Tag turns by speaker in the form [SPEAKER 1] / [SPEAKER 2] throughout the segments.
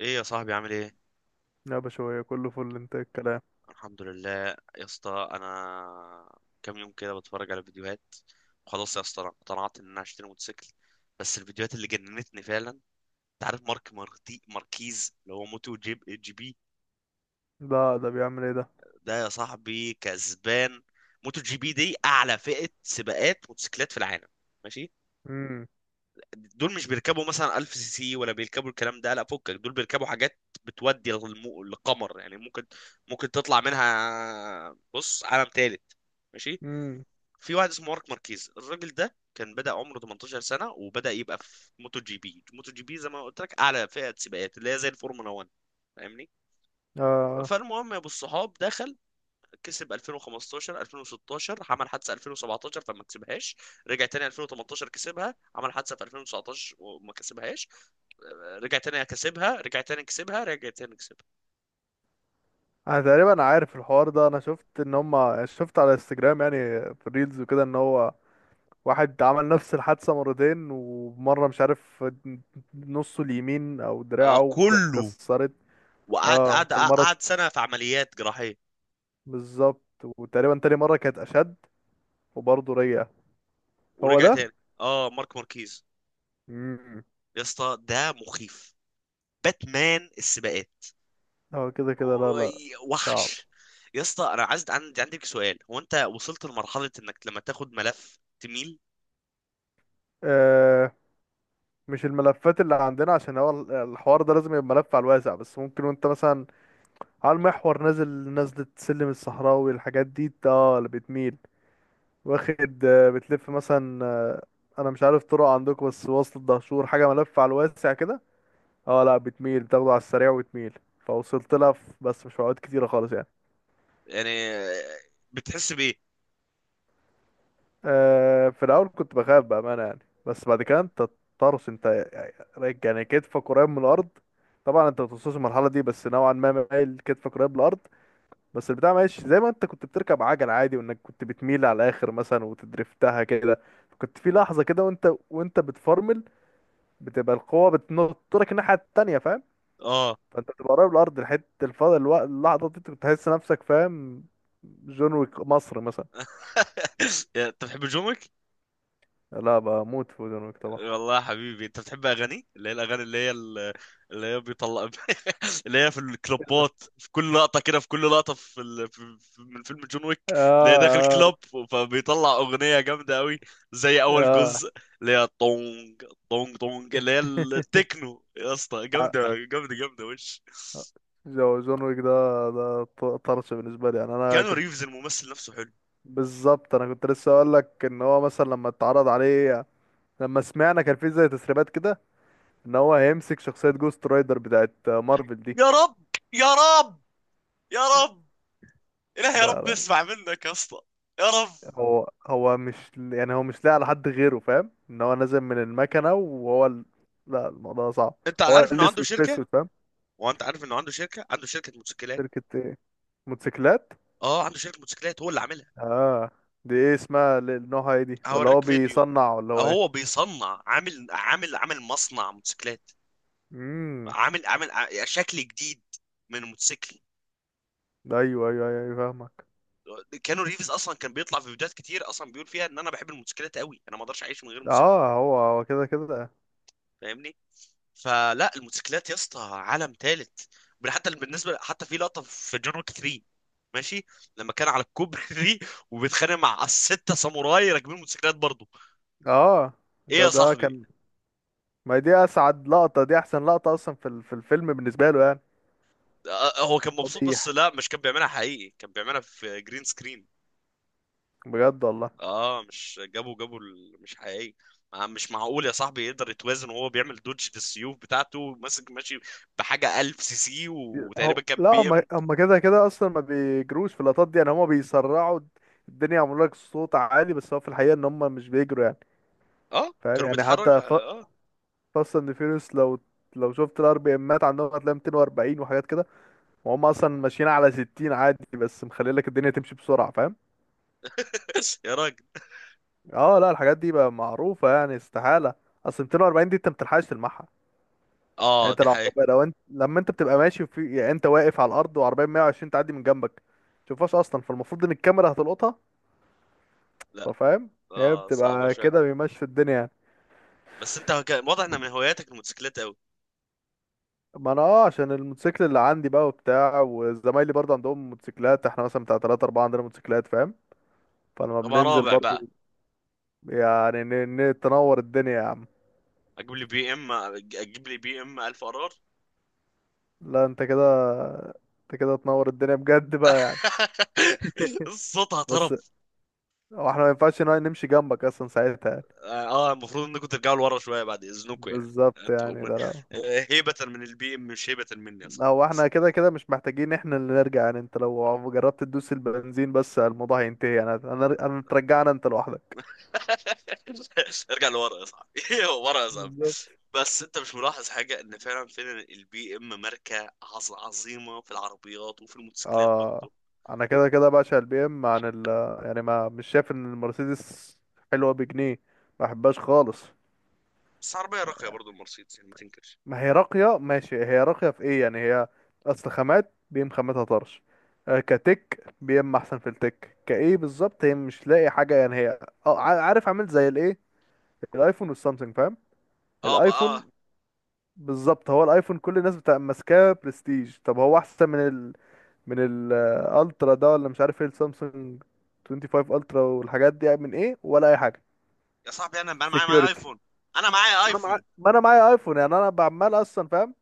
[SPEAKER 1] ايه يا صاحبي، عامل ايه؟
[SPEAKER 2] لا بشوية كله فل. انت إيه الكلام؟
[SPEAKER 1] الحمد لله. يا اسطى، انا كام يوم كده بتفرج على فيديوهات، وخلاص يا اسطى انا اقتنعت ان انا هشتري موتوسيكل. بس الفيديوهات اللي جننتني، فعلا انت عارف مارك ماركيز اللي هو موتو جي بي؟
[SPEAKER 2] ده بيعمل ايه ده؟
[SPEAKER 1] ده يا صاحبي كسبان. موتو جي بي دي اعلى فئة سباقات موتوسيكلات في العالم. ماشي.
[SPEAKER 2] امم
[SPEAKER 1] دول مش بيركبوا مثلا 1000 سي سي ولا بيركبوا الكلام ده، لا فكك، دول بيركبوا حاجات بتودي للقمر، يعني ممكن تطلع منها، بص، عالم تالت. ماشي.
[SPEAKER 2] امم
[SPEAKER 1] في واحد اسمه مارك ماركيز، الراجل ده كان بدأ عمره 18 سنة وبدأ يبقى في موتو جي بي. موتو جي بي زي ما قلت لك أعلى فئة سباقات اللي هي زي الفورمولا 1. فاهمني؟
[SPEAKER 2] آه.
[SPEAKER 1] فالمهم يا ابو الصحاب، دخل كسب 2015، 2016، عمل حادثه 2017 فما كسبهاش، رجع تاني 2018 كسبها، عمل حادثه في 2019 وما كسبهاش، رجع تاني كسبها، رجع تاني كسبها، رجع تاني كسبها.
[SPEAKER 2] انا تقريبا عارف الحوار ده. انا شفت ان هما شفت على انستجرام يعني في الريلز وكده ان هو واحد عمل نفس الحادثة مرتين ومرة مش عارف نصه اليمين او
[SPEAKER 1] آه
[SPEAKER 2] دراعه
[SPEAKER 1] كله.
[SPEAKER 2] اتكسرت.
[SPEAKER 1] وقعد
[SPEAKER 2] اه
[SPEAKER 1] قعد
[SPEAKER 2] في المرة
[SPEAKER 1] قعد سنه في عمليات جراحيه،
[SPEAKER 2] بالظبط، وتقريبا تاني مرة كانت اشد وبرضه رجع. هو
[SPEAKER 1] ورجع
[SPEAKER 2] ده.
[SPEAKER 1] تاني. اه، مارك ماركيز.
[SPEAKER 2] امم
[SPEAKER 1] يا اسطى، ده مخيف، باتمان السباقات.
[SPEAKER 2] هو كده كده. لا لا، صعب.
[SPEAKER 1] وحش. يا اسطى، انا عايز، عندك سؤال، هو انت وصلت لمرحله انك لما تاخد ملف تميل؟
[SPEAKER 2] آه، مش الملفات اللي عندنا عشان هو الحوار ده لازم يبقى ملف على الواسع، بس ممكن وانت مثلا على المحور نازل نزلة سلم الصحراوي، الحاجات دي اللي بتميل واخد. بتلف مثلا. انا مش عارف طرق عندكم، بس وصل الدهشور حاجة ملف على الواسع كده. اه لا، بتميل، بتاخده على السريع وتميل. فوصلت لها بس مش في اوقات كتيرة خالص يعني.
[SPEAKER 1] يعني آه، بتحس بايه؟
[SPEAKER 2] آه، في الاول كنت بخاف بامانه يعني. بس بعد كده انت طرس انت، يعني كتفك قريب من الارض. طبعا انت بتوصلش المرحله دي، بس نوعا ما مايل، كتفك قريب من الارض. بس البتاع ماشي زي ما انت كنت بتركب عجله عادي، وانك كنت بتميل على الاخر مثلا وتدرفتها كده. كنت في لحظه كده، وانت بتفرمل بتبقى القوه بتنطرك الناحيه التانيه، فاهم؟
[SPEAKER 1] اه.
[SPEAKER 2] فانت بتبقى قريب من الارض لحد الفضل الوقت اللحظه دي، بتحس نفسك، فاهم؟ جون ويك مصر مثلا.
[SPEAKER 1] انت بتحب جومك؟
[SPEAKER 2] لا، بموت في جون ويك طبعا.
[SPEAKER 1] والله يا حبيبي، انت بتحب اغاني، اللي هي الاغاني، اللي هي اللي هي بيطلع، اللي هي في الكلوبات، في كل لقطه كده، في كل لقطه في, ال... في... في... من فيلم جون ويك،
[SPEAKER 2] آه
[SPEAKER 1] اللي هي داخل
[SPEAKER 2] آه.
[SPEAKER 1] كلوب، فبيطلع اغنيه جامده قوي، زي اول
[SPEAKER 2] اه،
[SPEAKER 1] جزء. اللي هي طونج طونج طونج، اللي هي التكنو، يا اسطى
[SPEAKER 2] ع-
[SPEAKER 1] جامده جامده جامده، وش.
[SPEAKER 2] جون ويك ده، طرش بالنسبه لي يعني. انا
[SPEAKER 1] كانوا
[SPEAKER 2] كنت،
[SPEAKER 1] ريفز الممثل نفسه حلو.
[SPEAKER 2] بالظبط انا كنت لسه اقول لك ان هو مثلا لما اتعرض عليه، لما سمعنا كان في زي تسريبات كده ان هو هيمسك شخصيه جوست رايدر بتاعت مارفل دي.
[SPEAKER 1] يا رب، يا رب، يا رب، إله يا
[SPEAKER 2] ده
[SPEAKER 1] رب
[SPEAKER 2] ده-
[SPEAKER 1] نسمع منك يا اسطى. يا رب.
[SPEAKER 2] هو مش يعني، هو مش لاقي على حد غيره، فاهم؟ ان هو نازل من المكنه، وهو لا الموضوع صعب.
[SPEAKER 1] انت
[SPEAKER 2] هو
[SPEAKER 1] عارف انه عنده
[SPEAKER 2] الاسود في
[SPEAKER 1] شركه؟
[SPEAKER 2] اسود، فاهم؟
[SPEAKER 1] عنده شركه موتوسيكلات.
[SPEAKER 2] شركه ايه؟ موتوسيكلات؟
[SPEAKER 1] اه عنده شركه موتوسيكلات هو اللي عاملها.
[SPEAKER 2] اه، دي ايه اسمها، نوعها ايه دي، ولا هو
[SPEAKER 1] هوريك فيديو.
[SPEAKER 2] بيصنع، ولا هو ايه؟
[SPEAKER 1] هو بيصنع، عامل مصنع موتوسيكلات،
[SPEAKER 2] مم.
[SPEAKER 1] شكل جديد من الموتوسيكل.
[SPEAKER 2] ايوه ايوه ايوه أيوة، فاهمك.
[SPEAKER 1] كانوا ريفز اصلا كان بيطلع في فيديوهات كتير، اصلا بيقول فيها ان انا بحب الموتوسيكلات قوي، انا ما اقدرش اعيش من غير موتوسيكل.
[SPEAKER 2] اه هو كده كده.
[SPEAKER 1] فاهمني؟ فلا، الموتوسيكلات يا اسطى عالم ثالث. حتى بالنسبه، حتى في لقطه في جون ويك 3، ماشي، لما كان على الكوبري وبيتخانق مع الستة ساموراي راكبين موتوسيكلات برضه.
[SPEAKER 2] اه
[SPEAKER 1] ايه
[SPEAKER 2] ده
[SPEAKER 1] يا
[SPEAKER 2] ده
[SPEAKER 1] صاحبي؟
[SPEAKER 2] كان. ما هي دي اسعد لقطة، دي احسن لقطة اصلا في في الفيلم بالنسبة له يعني.
[SPEAKER 1] آه، آه، هو كان
[SPEAKER 2] هو
[SPEAKER 1] مبسوط، بس
[SPEAKER 2] بيح،
[SPEAKER 1] لا مش كان بيعملها حقيقي، كان بيعملها في جرين سكرين.
[SPEAKER 2] بجد والله؟
[SPEAKER 1] اه مش جابوا مش حقيقي. مش معقول يا صاحبي يقدر يتوازن وهو بيعمل دوج للسيوف بتاعته ماسك، ماشي، بحاجة 1000 سي سي، وتقريبا
[SPEAKER 2] هو
[SPEAKER 1] كان
[SPEAKER 2] لا،
[SPEAKER 1] بي
[SPEAKER 2] هم
[SPEAKER 1] ام.
[SPEAKER 2] هم كده كده اصلا ما بيجروش في اللقطات دي يعني، هم بيسرعوا الدنيا يعملوا لك صوت عالي، بس هو في الحقيقة ان هم مش بيجروا يعني.
[SPEAKER 1] اه
[SPEAKER 2] فاهم
[SPEAKER 1] كانوا
[SPEAKER 2] يعني؟
[SPEAKER 1] بيتحرك،
[SPEAKER 2] حتى
[SPEAKER 1] اه.
[SPEAKER 2] فاست اند فيوريوس، لو شفت الار بي امات عندهم هتلاقي 240 وحاجات كده، وهم اصلا ماشيين على 60 عادي، بس مخلي لك الدنيا تمشي بسرعة، فاهم؟
[SPEAKER 1] يا راجل.
[SPEAKER 2] اه لا، الحاجات دي بقى معروفة يعني، استحالة. اصل 240 دي انت متلحقش تلمحها. يعني
[SPEAKER 1] اه
[SPEAKER 2] انت
[SPEAKER 1] دي
[SPEAKER 2] لو
[SPEAKER 1] حقيقة.
[SPEAKER 2] عربية، لو انت لما انت بتبقى ماشي في، يعني انت واقف على الارض وعربية 120 تعدي من جنبك، متشوفهاش اصلا. فالمفروض ان الكاميرا هتلقطها،
[SPEAKER 1] لا
[SPEAKER 2] ففاهم. هي
[SPEAKER 1] اه صعبة
[SPEAKER 2] بتبقى
[SPEAKER 1] شوية.
[SPEAKER 2] كده، بيمشي في الدنيا يعني.
[SPEAKER 1] بس واضح ان من هواياتك الموتوسيكلات قوي.
[SPEAKER 2] ما انا عشان الموتوسيكل اللي عندي بقى وبتاع، وزمايلي برضه عندهم موتوسيكلات، احنا مثلا بتاع 3 4 عندنا موتوسيكلات، فاهم؟ فلما
[SPEAKER 1] ابقى
[SPEAKER 2] بننزل
[SPEAKER 1] رابع
[SPEAKER 2] برضه،
[SPEAKER 1] بقى،
[SPEAKER 2] يعني تنور الدنيا يا عم.
[SPEAKER 1] اجيب لي بي ام، اجيب لي بي ام 1000 ار ار.
[SPEAKER 2] لا، انت كده، تنور الدنيا بجد بقى يعني.
[SPEAKER 1] صوتها
[SPEAKER 2] بس
[SPEAKER 1] طرب.
[SPEAKER 2] هو احنا ما ينفعش نمشي جنبك اصلا ساعتها.
[SPEAKER 1] اه، آه، المفروض انكم ترجعوا لورا شويه بعد اذنكم يعني.
[SPEAKER 2] بالظبط
[SPEAKER 1] هتقوم-
[SPEAKER 2] يعني، ده لو
[SPEAKER 1] آه، هيبة من البي ام مش هيبة مني يا صاحبي.
[SPEAKER 2] هو احنا كده كده مش محتاجين احنا اللي نرجع يعني، انت لو جربت تدوس البنزين بس، الموضوع هينتهي يعني. انا ترجعنا انت لوحدك.
[SPEAKER 1] ارجع لورا يا صاحبي. ورا يا صاحبي.
[SPEAKER 2] بالظبط.
[SPEAKER 1] بس انت مش ملاحظ حاجه؟ ان فعلا فعلا البي ام ماركه عظيمه في العربيات وفي الموتوسيكلات
[SPEAKER 2] اه
[SPEAKER 1] برضه.
[SPEAKER 2] انا كده كده بعشق البي ام عن ال، يعني ما مش شايف ان المرسيدس حلوه بجنيه، ما بحبهاش خالص.
[SPEAKER 1] بس عربيه راقيه برضه المرسيدس، يعني ما تنكرش.
[SPEAKER 2] ما هي راقية ماشي، هي راقية في ايه يعني هي؟ اصل خامات بيم، خاماتها طرش. آه، كتك بيم احسن في التك كايه بالظبط، هي مش لاقي حاجة يعني هي. اه عارف، عامل زي الايه، الايفون والسامسونج، فاهم؟
[SPEAKER 1] اه بقى اه.
[SPEAKER 2] الايفون، بالظبط هو الايفون كل الناس بتبقى ماسكاه برستيج، طب هو احسن من ال، من الالترا ده، ولا مش عارف ايه، السامسونج 25 الترا والحاجات دي يعني، من ايه ولا اي حاجة.
[SPEAKER 1] يا صاحبي انا معايا
[SPEAKER 2] سكيورتي.
[SPEAKER 1] ايفون. انا معايا
[SPEAKER 2] ما انا معايا،
[SPEAKER 1] ايفون.
[SPEAKER 2] ايفون يعني، انا بعمال اصلا، فاهم؟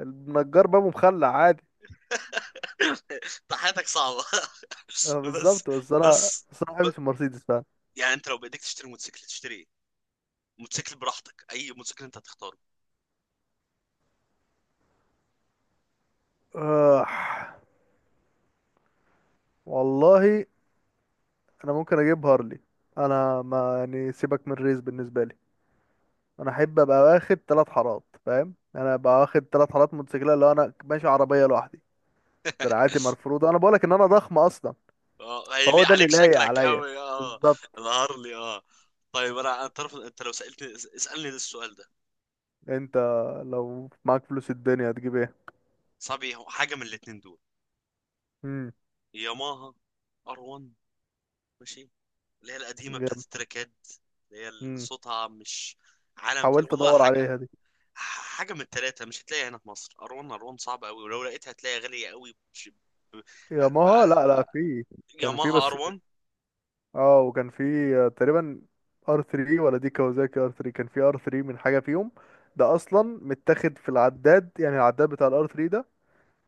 [SPEAKER 2] النجار بابه مخلع عادي.
[SPEAKER 1] انت حياتك صعبه.
[SPEAKER 2] اه
[SPEAKER 1] بس.
[SPEAKER 2] بالظبط، بس انا
[SPEAKER 1] بس
[SPEAKER 2] بس انا ما
[SPEAKER 1] ب...
[SPEAKER 2] بحبش المرسيدس فعلا.
[SPEAKER 1] يعني انت لو بايديك تشتري موتوسيكل تشتري إيه؟ موتوسيكل براحتك، اي موتوسيكل انت هتختاره.
[SPEAKER 2] آه والله، انا ممكن اجيب هارلي. انا ما يعني، سيبك من الريس بالنسبه لي، انا احب ابقى واخد ثلاث حارات، فاهم يعني، انا ابقى واخد ثلاث حارات موتوسيكلات لو انا ماشي عربيه لوحدي. دراعاتي مرفوضه، انا بقولك ان انا ضخم اصلا.
[SPEAKER 1] اه
[SPEAKER 2] فهو
[SPEAKER 1] هيليق
[SPEAKER 2] ده اللي
[SPEAKER 1] عليك،
[SPEAKER 2] لايق
[SPEAKER 1] شكلك
[SPEAKER 2] عليا.
[SPEAKER 1] قوي اه.
[SPEAKER 2] بالظبط.
[SPEAKER 1] الهارلي اه. طيب انا، انت عارف، انت لو سالتني، اسالني ده السؤال ده،
[SPEAKER 2] انت لو معاك فلوس الدنيا هتجيب ايه؟
[SPEAKER 1] صعب، هو حاجه من الاتنين دول:
[SPEAKER 2] امم
[SPEAKER 1] ياماها ار 1، ماشي، اللي هي القديمه بتاعت
[SPEAKER 2] جامد.
[SPEAKER 1] التراكات، اللي هي اللي
[SPEAKER 2] امم
[SPEAKER 1] صوتها مش عالم تاني،
[SPEAKER 2] حاولت
[SPEAKER 1] والله
[SPEAKER 2] ادور
[SPEAKER 1] حاجه.
[SPEAKER 2] عليها دي.
[SPEAKER 1] حاجه من التلاته مش هتلاقيها هنا في مصر، ار 1، ار 1 صعب قوي، ولو لقيتها هتلاقيها غاليه قوي. ب-
[SPEAKER 2] يا
[SPEAKER 1] ب-
[SPEAKER 2] ماها، لا لا، في. كان في
[SPEAKER 1] ياماها ار
[SPEAKER 2] بس.
[SPEAKER 1] 1.
[SPEAKER 2] اه وكان في. آه، تقريبا ار 3، ولا دي كاوزاكي ار 3. كان في ار 3 من حاجه فيهم. ده اصلا متاخد في العداد يعني، العداد بتاع الار 3 ده،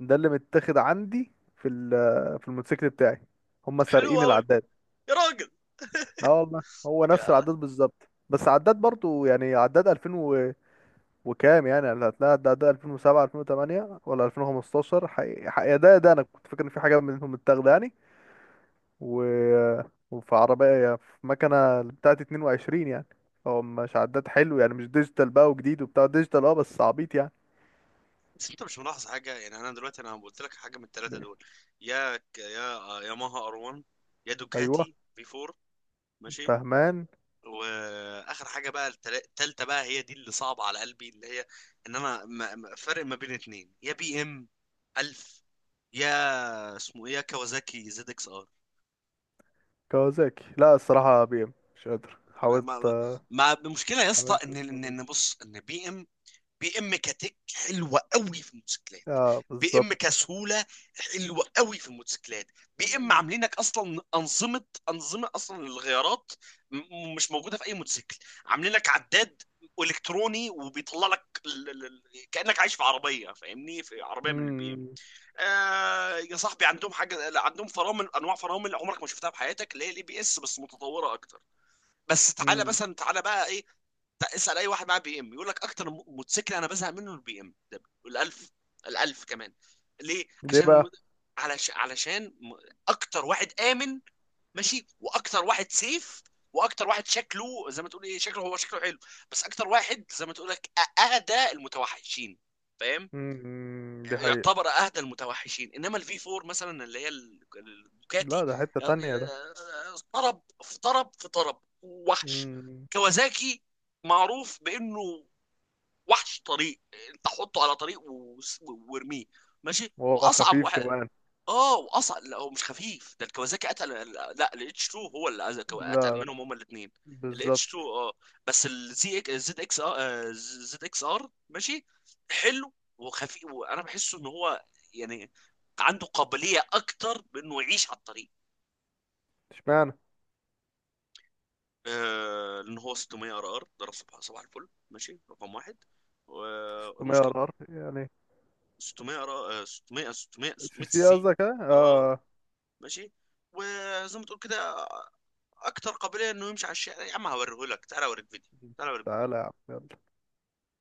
[SPEAKER 2] ده اللي متاخد عندي في آه، في الموتوسيكل بتاعي. هم
[SPEAKER 1] حلو
[SPEAKER 2] سارقين
[SPEAKER 1] قوي.
[SPEAKER 2] العداد.
[SPEAKER 1] يا راجل،
[SPEAKER 2] اه والله، هو نفس العداد بالظبط، بس عداد برضو يعني عداد 2000 و... وكام يعني، اللي هتلاقي عداد 2007 2008 ولا 2015. حقيقة ده انا كنت فاكر ان في حاجه منهم متاخده يعني. و... وفي عربية، يعني في مكنة بتاعت 22 يعني. هو مش عداد حلو يعني، مش ديجيتال بقى وجديد وبتاع ديجيتال، اه بس عبيط يعني.
[SPEAKER 1] بس انت مش ملاحظ حاجه؟ يعني انا دلوقتي انا قلت لك حاجه من الثلاثه دول: يا ياماها ار 1، يا
[SPEAKER 2] ايوه
[SPEAKER 1] دوكاتي في 4، ماشي.
[SPEAKER 2] فهمان.
[SPEAKER 1] واخر حاجه بقى التالتة بقى، هي دي اللي صعبه على قلبي، اللي هي ان انا فرق ما بين اتنين، يا بي ام 1000، يا اسمه ايه، يا كawasaki زد اكس ار.
[SPEAKER 2] كوازاكي، لا الصراحة بي ام مش قادر،
[SPEAKER 1] ما
[SPEAKER 2] حاولت.
[SPEAKER 1] ما
[SPEAKER 2] اه
[SPEAKER 1] ما المشكله يا اسطى،
[SPEAKER 2] عملت
[SPEAKER 1] ان
[SPEAKER 2] الصوتيش.
[SPEAKER 1] بص، ان بي ام، بي ام كتك حلوه قوي في الموتوسيكلات،
[SPEAKER 2] آه،
[SPEAKER 1] بي
[SPEAKER 2] بالظبط.
[SPEAKER 1] ام كسهوله حلوه قوي في الموتوسيكلات. بي ام عاملينك اصلا انظمه، انظمه اصلا للغيارات، مش موجوده في اي موتوسيكل. عاملين لك عداد الكتروني، وبيطلع لك كانك عايش في عربيه، فاهمني؟ في عربيه من البي ام.
[SPEAKER 2] مم،
[SPEAKER 1] آه يا صاحبي، عندهم حاجه، عندهم فرامل، انواع فرامل عمرك ما شفتها في حياتك، اللي هي الاي بي اس بس متطوره اكتر. بس تعالى
[SPEAKER 2] مم.
[SPEAKER 1] مثلا، تعالى بقى ايه، اسال اي واحد معاه بي ام يقول لك اكتر موتوسيكل انا بزهق منه البي ام ده الالف، الالف كمان. ليه؟
[SPEAKER 2] ليه
[SPEAKER 1] عشان
[SPEAKER 2] بقى؟
[SPEAKER 1] علشان اكتر واحد امن، ماشي، واكتر واحد سيف، واكتر واحد شكله زي ما تقول ايه، شكله، هو شكله حلو، بس اكتر واحد زي ما تقول لك اهدى المتوحشين، فاهم؟
[SPEAKER 2] مم، دي حقيقة.
[SPEAKER 1] يعتبر اهدى المتوحشين. انما الفي 4 مثلا، اللي هي
[SPEAKER 2] لا
[SPEAKER 1] الدوكاتي،
[SPEAKER 2] ده حتة تانية ده.
[SPEAKER 1] طرب في طرب في طرب، وحش.
[SPEAKER 2] مم.
[SPEAKER 1] كوازاكي معروف بانه وحش طريق، انت حطه على طريق وارميه، ماشي،
[SPEAKER 2] وهو
[SPEAKER 1] واصعب
[SPEAKER 2] خفيف كمان.
[SPEAKER 1] اه واصل، لا هو مش خفيف، ده الكوازاكي اتقل، لا الاتش 2 هو اللي اتقل
[SPEAKER 2] لا لا.
[SPEAKER 1] منهم هما الاثنين. الاتش 2
[SPEAKER 2] بالظبط.
[SPEAKER 1] اه. بس الزي، زد اكس ار، زد اكس ار ماشي، حلو وخفيف، وانا بحسه ان هو يعني عنده قابليه اكتر بانه يعيش على الطريق.
[SPEAKER 2] اشمعنى؟
[SPEAKER 1] آه لان هو 600 ار ار ده صباح صباح الفل، ماشي رقم واحد.
[SPEAKER 2] 600
[SPEAKER 1] والمشكله
[SPEAKER 2] ار ار يعني؟
[SPEAKER 1] 600 ار 600 600
[SPEAKER 2] سي
[SPEAKER 1] 600 سي
[SPEAKER 2] سي
[SPEAKER 1] سي
[SPEAKER 2] قصدك ها؟
[SPEAKER 1] اه،
[SPEAKER 2] اه.
[SPEAKER 1] ماشي، وزي ما تقول كده اكتر قابليه انه يمشي على الشارع. يا عم هوريه لك، تعال اوريك فيديو، تعال اوريك فيديو.
[SPEAKER 2] تعالى يا عم يلا.